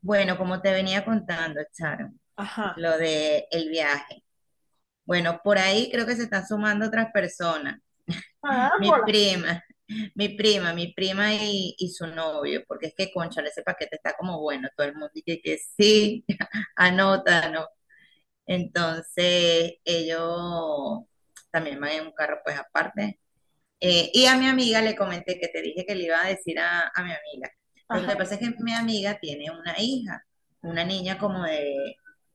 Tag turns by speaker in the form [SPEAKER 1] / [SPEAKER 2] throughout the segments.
[SPEAKER 1] Bueno, como te venía contando, Sharon,
[SPEAKER 2] Ajá.
[SPEAKER 1] lo de el viaje. Bueno, por ahí creo que se están sumando otras personas. Mi
[SPEAKER 2] Carámbola.
[SPEAKER 1] prima, mi prima y su novio, porque es que, cónchale, ese paquete está como bueno. Todo el mundo dice que sí, anótalo. Entonces, ellos también van en un carro, pues aparte. Y a mi amiga le comenté que te dije que le iba a decir a mi amiga. Lo
[SPEAKER 2] Ajá.
[SPEAKER 1] que pasa es que mi amiga tiene una hija, una niña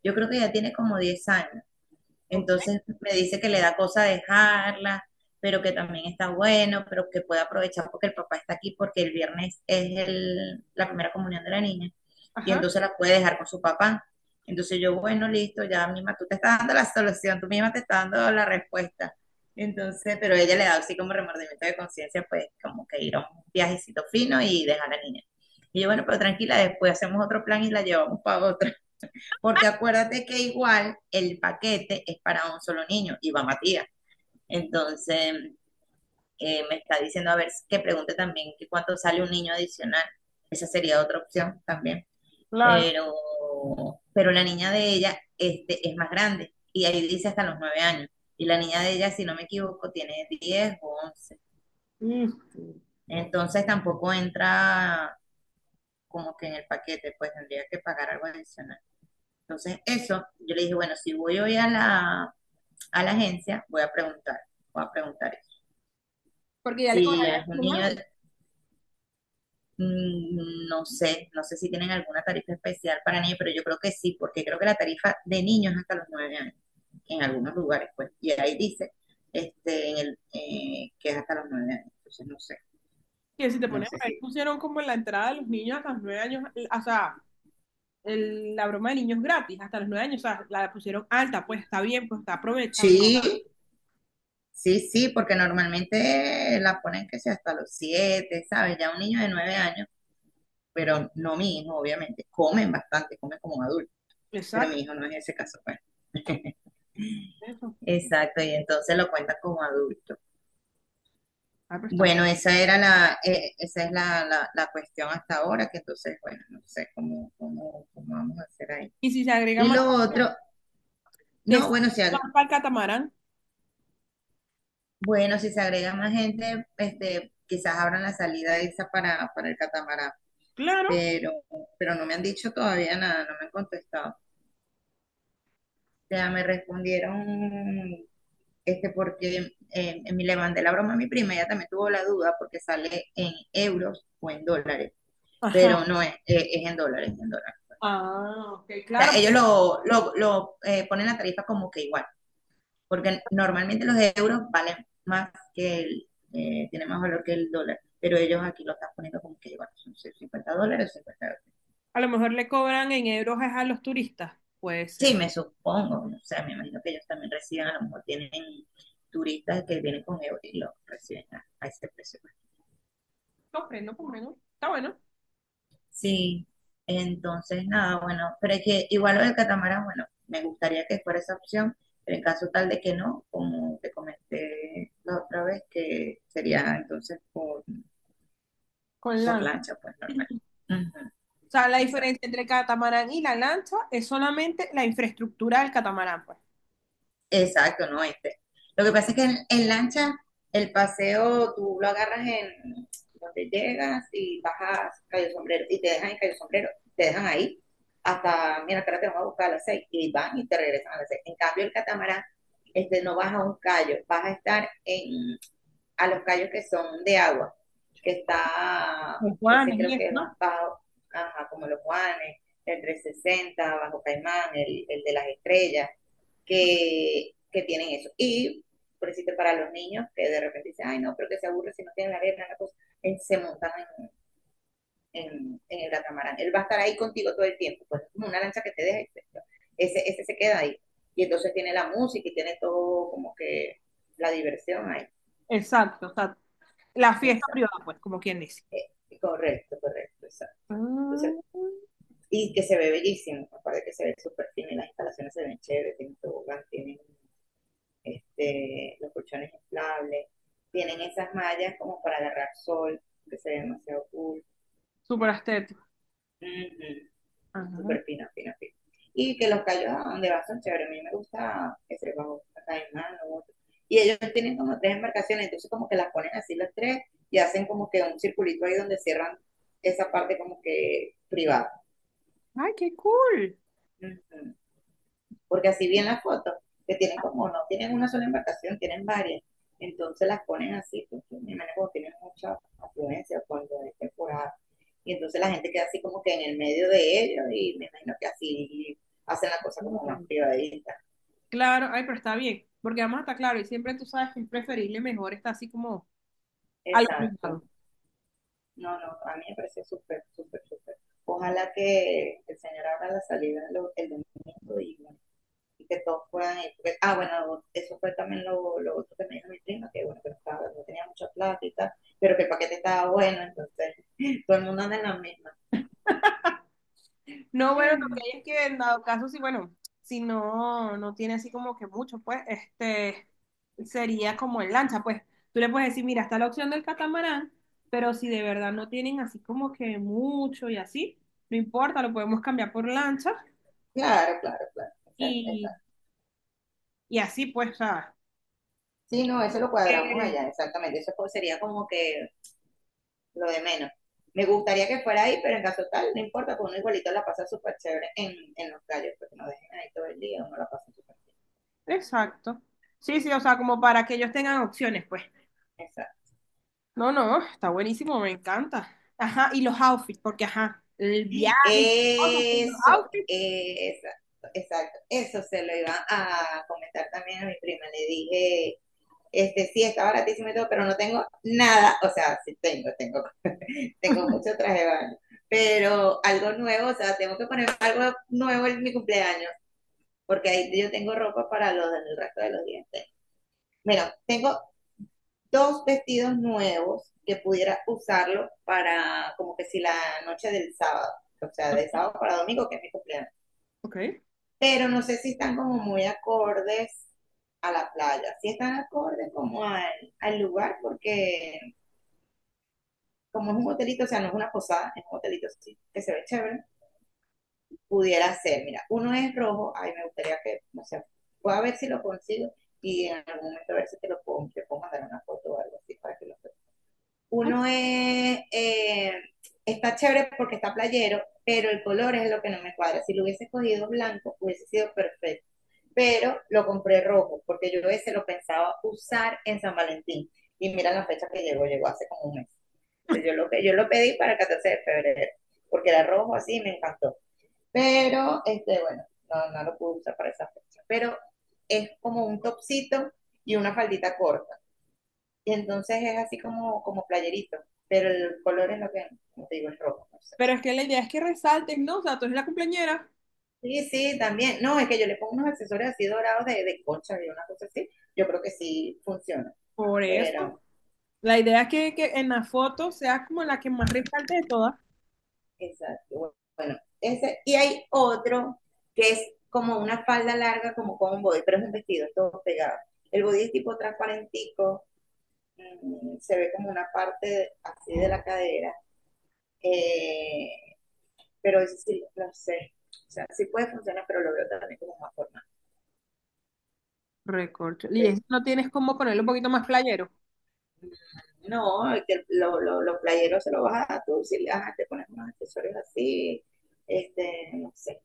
[SPEAKER 1] yo creo que ya tiene como 10 años.
[SPEAKER 2] Ok.
[SPEAKER 1] Entonces me dice que le da cosa dejarla, pero que también está bueno, pero que puede aprovechar porque el papá está aquí, porque el viernes es la primera comunión de la niña, y
[SPEAKER 2] Ajá.
[SPEAKER 1] entonces la puede dejar con su papá. Entonces yo, bueno, listo, ya misma tú te estás dando la solución, tú misma te estás dando la respuesta. Entonces, pero ella le da así como remordimiento de conciencia, pues como que ir a un viajecito fino y dejar a la niña. Y yo, bueno, pero tranquila, después hacemos otro plan y la llevamos para otro. Porque acuérdate que igual el paquete es para un solo niño y va Matías. Entonces, me está diciendo, a ver, que pregunte también que cuánto sale un niño adicional. Esa sería otra opción también.
[SPEAKER 2] Claro.
[SPEAKER 1] Pero, pero la niña de ella es más grande y ahí dice hasta los 9 años. Y la niña de ella, si no me equivoco, tiene 10 o 11.
[SPEAKER 2] Mm.
[SPEAKER 1] Entonces tampoco entra como que en el paquete, pues tendría que pagar algo adicional. Entonces eso, yo le dije, bueno, si voy hoy a la, a la, agencia, voy a preguntar,
[SPEAKER 2] Porque ya le
[SPEAKER 1] si
[SPEAKER 2] cobraría
[SPEAKER 1] es un
[SPEAKER 2] un
[SPEAKER 1] niño,
[SPEAKER 2] año.
[SPEAKER 1] no sé si tienen alguna tarifa especial para niños, pero yo creo que sí, porque creo que la tarifa de niños hasta los 9 años, en algunos lugares, pues, y ahí dice que es hasta los 9 años, entonces no sé,
[SPEAKER 2] Que si te
[SPEAKER 1] no
[SPEAKER 2] pones
[SPEAKER 1] sé
[SPEAKER 2] a ver,
[SPEAKER 1] si...
[SPEAKER 2] pusieron como en la entrada de los niños hasta los 9 años, o sea, la broma de niños gratis hasta los 9 años, o sea, la pusieron alta, pues está bien, pues está aprovechable.
[SPEAKER 1] Sí, sí, sí, porque normalmente la ponen que sea hasta los 7, ¿sabes? Ya un niño de 9 años, pero no mi hijo, obviamente, comen bastante, comen como un adulto, pero mi
[SPEAKER 2] Exacto,
[SPEAKER 1] hijo no es ese caso, pues.
[SPEAKER 2] eso.
[SPEAKER 1] Exacto, y entonces lo cuentan como adulto.
[SPEAKER 2] Ah, pero está bueno.
[SPEAKER 1] Bueno, esa es la cuestión hasta ahora, que entonces, bueno, no sé cómo, cómo vamos a hacer ahí.
[SPEAKER 2] Y si se agrega
[SPEAKER 1] Y
[SPEAKER 2] más,
[SPEAKER 1] lo otro,
[SPEAKER 2] te-
[SPEAKER 1] no, bueno,
[SPEAKER 2] más para el catamarán,
[SPEAKER 1] bueno, si se agrega más gente, quizás abran la salida esa para el catamarán,
[SPEAKER 2] claro.
[SPEAKER 1] pero, pero no me han dicho todavía nada, no me han contestado. O sea, me respondieron, porque me le mandé la broma a mi prima, ella también tuvo la duda porque sale en euros o en dólares. Pero
[SPEAKER 2] Ajá.
[SPEAKER 1] no es, es en dólares, en dólares.
[SPEAKER 2] Ah, ok,
[SPEAKER 1] O sea,
[SPEAKER 2] claro,
[SPEAKER 1] ellos
[SPEAKER 2] pues,
[SPEAKER 1] lo, lo ponen la tarifa como que igual, porque normalmente los euros valen más que tiene más valor que el dólar, pero ellos aquí lo están poniendo como que igual, son 50 dólares, 50 dólares.
[SPEAKER 2] a lo mejor le cobran en euros es a los turistas. Puede
[SPEAKER 1] Sí,
[SPEAKER 2] ser.
[SPEAKER 1] me supongo, o sea, me imagino que ellos también reciben, a lo mejor tienen turistas que vienen con euros y los reciben a ese precio.
[SPEAKER 2] Comprendo, comprendo. Está bueno.
[SPEAKER 1] Sí, entonces nada, bueno, pero es que igual lo del catamarán, bueno, me gustaría que fuera esa opción, pero en caso tal de que no, como te comenté la otra vez, que sería entonces
[SPEAKER 2] Con
[SPEAKER 1] por
[SPEAKER 2] lancha.
[SPEAKER 1] lancha, pues normal. Ujú,
[SPEAKER 2] O sea, la diferencia
[SPEAKER 1] exacto.
[SPEAKER 2] entre el catamarán y la lancha es solamente la infraestructura del catamarán, pues.
[SPEAKER 1] Exacto, no este. Lo que pasa es que en lancha el paseo tú lo agarras en donde llegas y bajas Cayo Sombrero y te dejan en Cayo Sombrero, te dejan ahí hasta, mira, ahora te vamos a buscar a las 6 y van y te regresan a las 6. En cambio el catamarán no vas a un callo, vas a estar a los callos que son de agua, que está,
[SPEAKER 2] ¿Los
[SPEAKER 1] ese
[SPEAKER 2] guanes y
[SPEAKER 1] creo
[SPEAKER 2] eso,
[SPEAKER 1] que
[SPEAKER 2] no?
[SPEAKER 1] va bajo, ajá, como los Juanes, el 360 Bajo Caimán, el de las estrellas, que tienen eso. Y, por decirte, para los niños que de repente dicen, ay, no, pero que se aburre si no tienen la arena, la cosa, en- se montan en, en- en el catamarán. Él va a estar ahí contigo todo el tiempo, pues como una lancha que te deja, ese se queda ahí. Y entonces tiene la música y tiene todo como que la diversión ahí.
[SPEAKER 2] Exacto, o sea, la fiesta privada,
[SPEAKER 1] exacto
[SPEAKER 2] pues, como quien dice.
[SPEAKER 1] eh, correcto, correcto, exacto. Entonces,
[SPEAKER 2] Ah,
[SPEAKER 1] y que se ve bellísimo, aparte que se ve súper fino y las instalaciones se ven chéveres, tienen tobogán, tienen los colchones inflables, tienen esas mallas como para agarrar sol, que se ve demasiado cool.
[SPEAKER 2] súper estético.
[SPEAKER 1] Ujú,
[SPEAKER 2] Ajá.
[SPEAKER 1] súper fino, fino, fino. Y que los callos a donde va son chéveres, a mí me gusta ese bajo Caimán o otro. Y ellos tienen como tres embarcaciones, entonces como que las ponen así las tres y hacen como que un circulito ahí donde cierran esa parte como que privada.
[SPEAKER 2] Ay, qué cool.
[SPEAKER 1] Ujú. Porque así bien las fotos, que tienen como, no tienen una sola embarcación, tienen varias. Entonces las ponen así, porque mi hermana como tiene mucha afluencia cuando es temporada. Y entonces la gente queda así como que en el medio de ellos y me imagino que así hacen la cosa como más privadita.
[SPEAKER 2] Claro, ay, pero está bien, porque además está claro, y siempre tú sabes que es preferible mejor está así como a lo
[SPEAKER 1] Exacto.
[SPEAKER 2] privado.
[SPEAKER 1] No, no, a mí me pareció súper, súper, súper. Ojalá que el señor abra la salida el domingo y que todos fueran. Ah, bueno, eso fue también lo otro que me dijo mi prima, que bueno, que no, estaba, no tenía mucha plata y tal, pero que el paquete estaba bueno, entonces todo el mundo anda en la misma.
[SPEAKER 2] No, bueno, lo que hay es que en dado caso, si bueno, si no, no tiene así como que mucho, pues, este, sería como en lancha, pues, tú le puedes decir, mira, está la opción del catamarán, pero si de verdad no tienen así como que mucho y así, no importa, lo podemos cambiar por lancha
[SPEAKER 1] Claro, claro, claro. Exacto,
[SPEAKER 2] y,
[SPEAKER 1] exacto.
[SPEAKER 2] y así, pues, o sea,
[SPEAKER 1] Sí, no, eso lo cuadramos
[SPEAKER 2] que-
[SPEAKER 1] allá, exactamente. Eso pues sería como que lo de menos. Me gustaría que fuera ahí, pero en caso tal, no importa, porque uno igualito la pasa súper chévere en los calles, porque no dejen ahí todo el día, uno la pasa súper bien.
[SPEAKER 2] exacto. Sí, sí, o sea, como para que ellos tengan opciones, pues.
[SPEAKER 1] Exacto.
[SPEAKER 2] No, no, está buenísimo, me encanta. Ajá, y los outfits, porque ajá, el viaje y todo, pero los
[SPEAKER 1] Eso,
[SPEAKER 2] outfits.
[SPEAKER 1] exacto, exacto. Eso se lo iba a comentar también a mi prima. Le dije, sí, está baratísimo y todo, pero no tengo nada. O sea, sí tengo, tengo mucho traje de baño. Pero algo nuevo, o sea, tengo que poner algo nuevo en mi cumpleaños, porque ahí yo tengo ropa para los del resto de los dientes. Bueno, tengo dos vestidos nuevos que pudiera usarlo para como que si la noche del sábado, o sea, de sábado para domingo, que es mi cumpleaños,
[SPEAKER 2] Ok.
[SPEAKER 1] pero no sé si están como muy acordes a la playa, si están acordes como al lugar, porque como es un hotelito, o sea, no es una posada, es un hotelito sí, que se ve chévere, pudiera ser, mira, uno es rojo, ay, me gustaría que, no sé, voy a ver si lo consigo y en algún momento a ver si te puedo mandar una foto o algo así para que lo veas. Uno es, está chévere porque está playero, pero el color es lo que no me cuadra. Si lo hubiese cogido blanco, hubiese sido perfecto, pero lo compré rojo, porque yo ese lo pensaba usar en San Valentín. Y mira la fecha que llegó, llegó hace como un mes. Entonces yo lo pedí para el 14 de febrero, porque era rojo así me encantó. Pero, bueno, no, no lo pude usar para esa fecha. Pero es como un topsito y una faldita corta. Y entonces es así como, como playerito, pero el color es lo que, como te digo, es rojo, no sé.
[SPEAKER 2] Pero es que la idea es que resalten, ¿no? O sea, tú eres la cumpleañera,
[SPEAKER 1] Sí, sí, también. No, es que yo le pongo unos accesorios así dorados de concha y una cosa así. Yo creo que sí funciona.
[SPEAKER 2] por
[SPEAKER 1] Pero,
[SPEAKER 2] eso. La idea es que en la foto sea como la que más resalte de todas.
[SPEAKER 1] exacto. Bueno, ese, y hay otro que es como una falda larga, como con un body, pero es un vestido, todo pegado. El body es tipo transparentico, se ve como una parte así de la cadera, eh, pero eso sí, no sé. O sea, sí puede funcionar, pero lo veo también como más formal.
[SPEAKER 2] Recorcho. Y
[SPEAKER 1] Entonces,
[SPEAKER 2] eso no tienes como ponerlo un poquito más playero.
[SPEAKER 1] mm, no, el que los los playeros se lo vas a dar tú, si le- ajá, te pones unos accesorios así, no sé.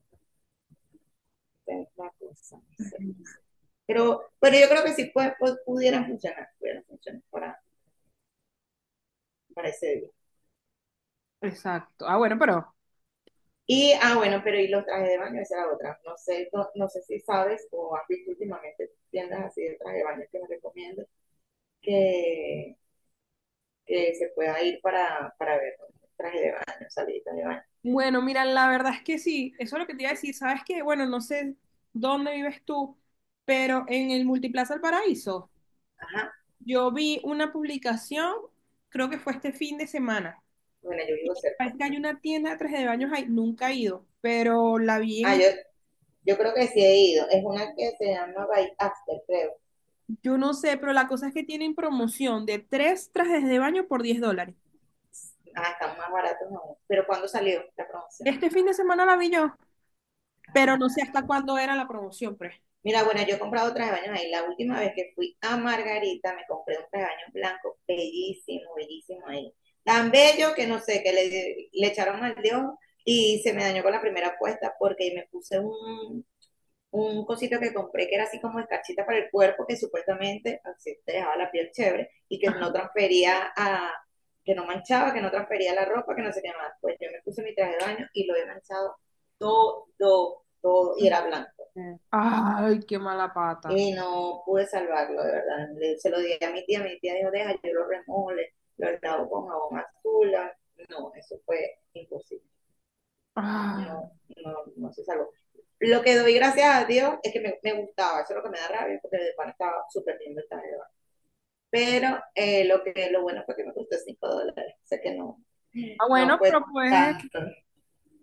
[SPEAKER 1] Es la cosa, no sé, no sé. Pero yo creo que sí pues, pudieran funcionar para ese día.
[SPEAKER 2] Exacto. Ah, bueno, pero.
[SPEAKER 1] Y, ah, bueno, pero y los trajes de baño, esa era otra. No sé, no, no sé si sabes o has visto últimamente tiendas así de traje de baño que me recomiendo que, que se pueda ir para ver, ¿no? Traje de baño, salida de baño.
[SPEAKER 2] Bueno, mira, la verdad es que sí. Eso es lo que te iba a decir. ¿Sabes qué? Bueno, no sé dónde vives tú, pero en el Multiplaza El Paraíso,
[SPEAKER 1] Ajá,
[SPEAKER 2] yo vi una publicación, creo que fue este fin de semana.
[SPEAKER 1] bueno, yo vivo cerca.
[SPEAKER 2] Parece que hay
[SPEAKER 1] Ajá.
[SPEAKER 2] una tienda de trajes de baños ahí, nunca he ido, pero la vi
[SPEAKER 1] Ah,
[SPEAKER 2] en.
[SPEAKER 1] yo creo que sí he ido. Es una que se llama By After, creo.
[SPEAKER 2] Yo no sé, pero la cosa es que tienen promoción de tres trajes de baño por $10.
[SPEAKER 1] Ah, están más baratos aún. Pero ¿cuándo salió la promoción?
[SPEAKER 2] Este fin de semana la vi yo, pero no sé hasta cuándo era la promoción, pues.
[SPEAKER 1] Mira, bueno, yo he comprado traje de baños ahí. La última vez que fui a Margarita, me compré un traje de baños blanco bellísimo, bellísimo ahí. Tan bello que no sé, que le echaron al dedo y se me dañó con la primera puesta porque me puse un cosito que compré que era así como escarchita para el cuerpo, que supuestamente así te dejaba la piel chévere y que no
[SPEAKER 2] Ajá.
[SPEAKER 1] transfería a, que no manchaba, que no transfería la ropa, que no sé qué más. Pues yo me puse mi traje de baño y lo he manchado todo, todo, todo y era blanco
[SPEAKER 2] Ay, qué mala pata.
[SPEAKER 1] y no pude salvarlo, de verdad. Se lo di a mi tía dijo, deja, yo lo remole, lo lavo con jabón azul. No, eso fue imposible.
[SPEAKER 2] Ah.
[SPEAKER 1] No, no, no se salvó. Lo que doy gracias a Dios es que me gustaba, eso es lo que me da rabia, porque de pan estaba súper lindo el taller. Pero lo bueno fue que me costó 5 dólares, o sea que no,
[SPEAKER 2] Ah, bueno,
[SPEAKER 1] no fue
[SPEAKER 2] pero puedes,
[SPEAKER 1] tanto.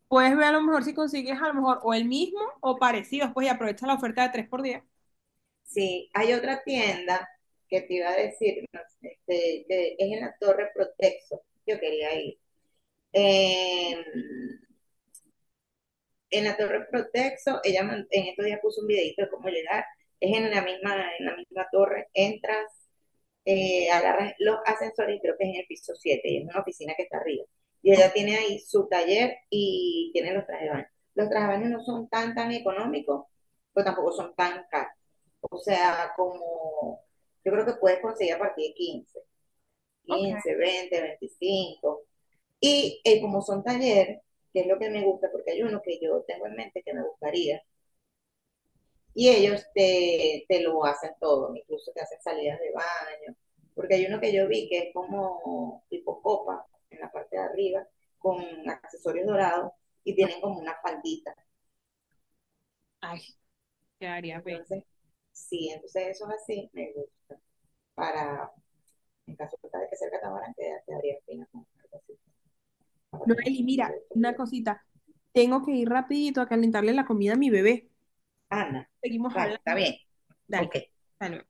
[SPEAKER 2] puedes ver a lo mejor si consigues a lo mejor o el mismo o parecidos, pues y aprovecha la oferta de tres por 10.
[SPEAKER 1] Sí, hay otra tienda que te iba a decir, no sé, que es en la Torre Protexo. Yo quería ir. Eh, en la Torre Protexo, ella en estos días puso un videito de cómo llegar. Es en la misma torre, entras, agarras los ascensores y creo que es en el piso 7 y es una oficina que está arriba. Y ella tiene ahí su taller y tiene los trajes de baño. Los trajes de baño no son tan, tan económicos, pero tampoco son tan caros. O sea, como yo creo que puedes conseguir a partir de
[SPEAKER 2] Ok.
[SPEAKER 1] 15, 20, 25, y como son talleres, que es lo que me gusta, porque hay uno que yo tengo en mente que me gustaría, y ellos te lo hacen todo, incluso te hacen salidas de baño, porque hay uno que yo vi que es como tipo copa en la parte de arriba, con accesorios dorados, y tienen como una faldita.
[SPEAKER 2] Ay, quedaría bello.
[SPEAKER 1] Entonces, sí, entonces eso es así, me gusta. Para, en caso de que sea el catamarán, que te daría pena con algo así, para tomar
[SPEAKER 2] Noeli,
[SPEAKER 1] una
[SPEAKER 2] mira,
[SPEAKER 1] foto y
[SPEAKER 2] una
[SPEAKER 1] eso.
[SPEAKER 2] cosita. Tengo que ir rapidito a calentarle la comida a mi bebé.
[SPEAKER 1] Ana,
[SPEAKER 2] Seguimos
[SPEAKER 1] vale, está
[SPEAKER 2] hablando.
[SPEAKER 1] bien,
[SPEAKER 2] Dale,
[SPEAKER 1] ok.
[SPEAKER 2] hasta luego.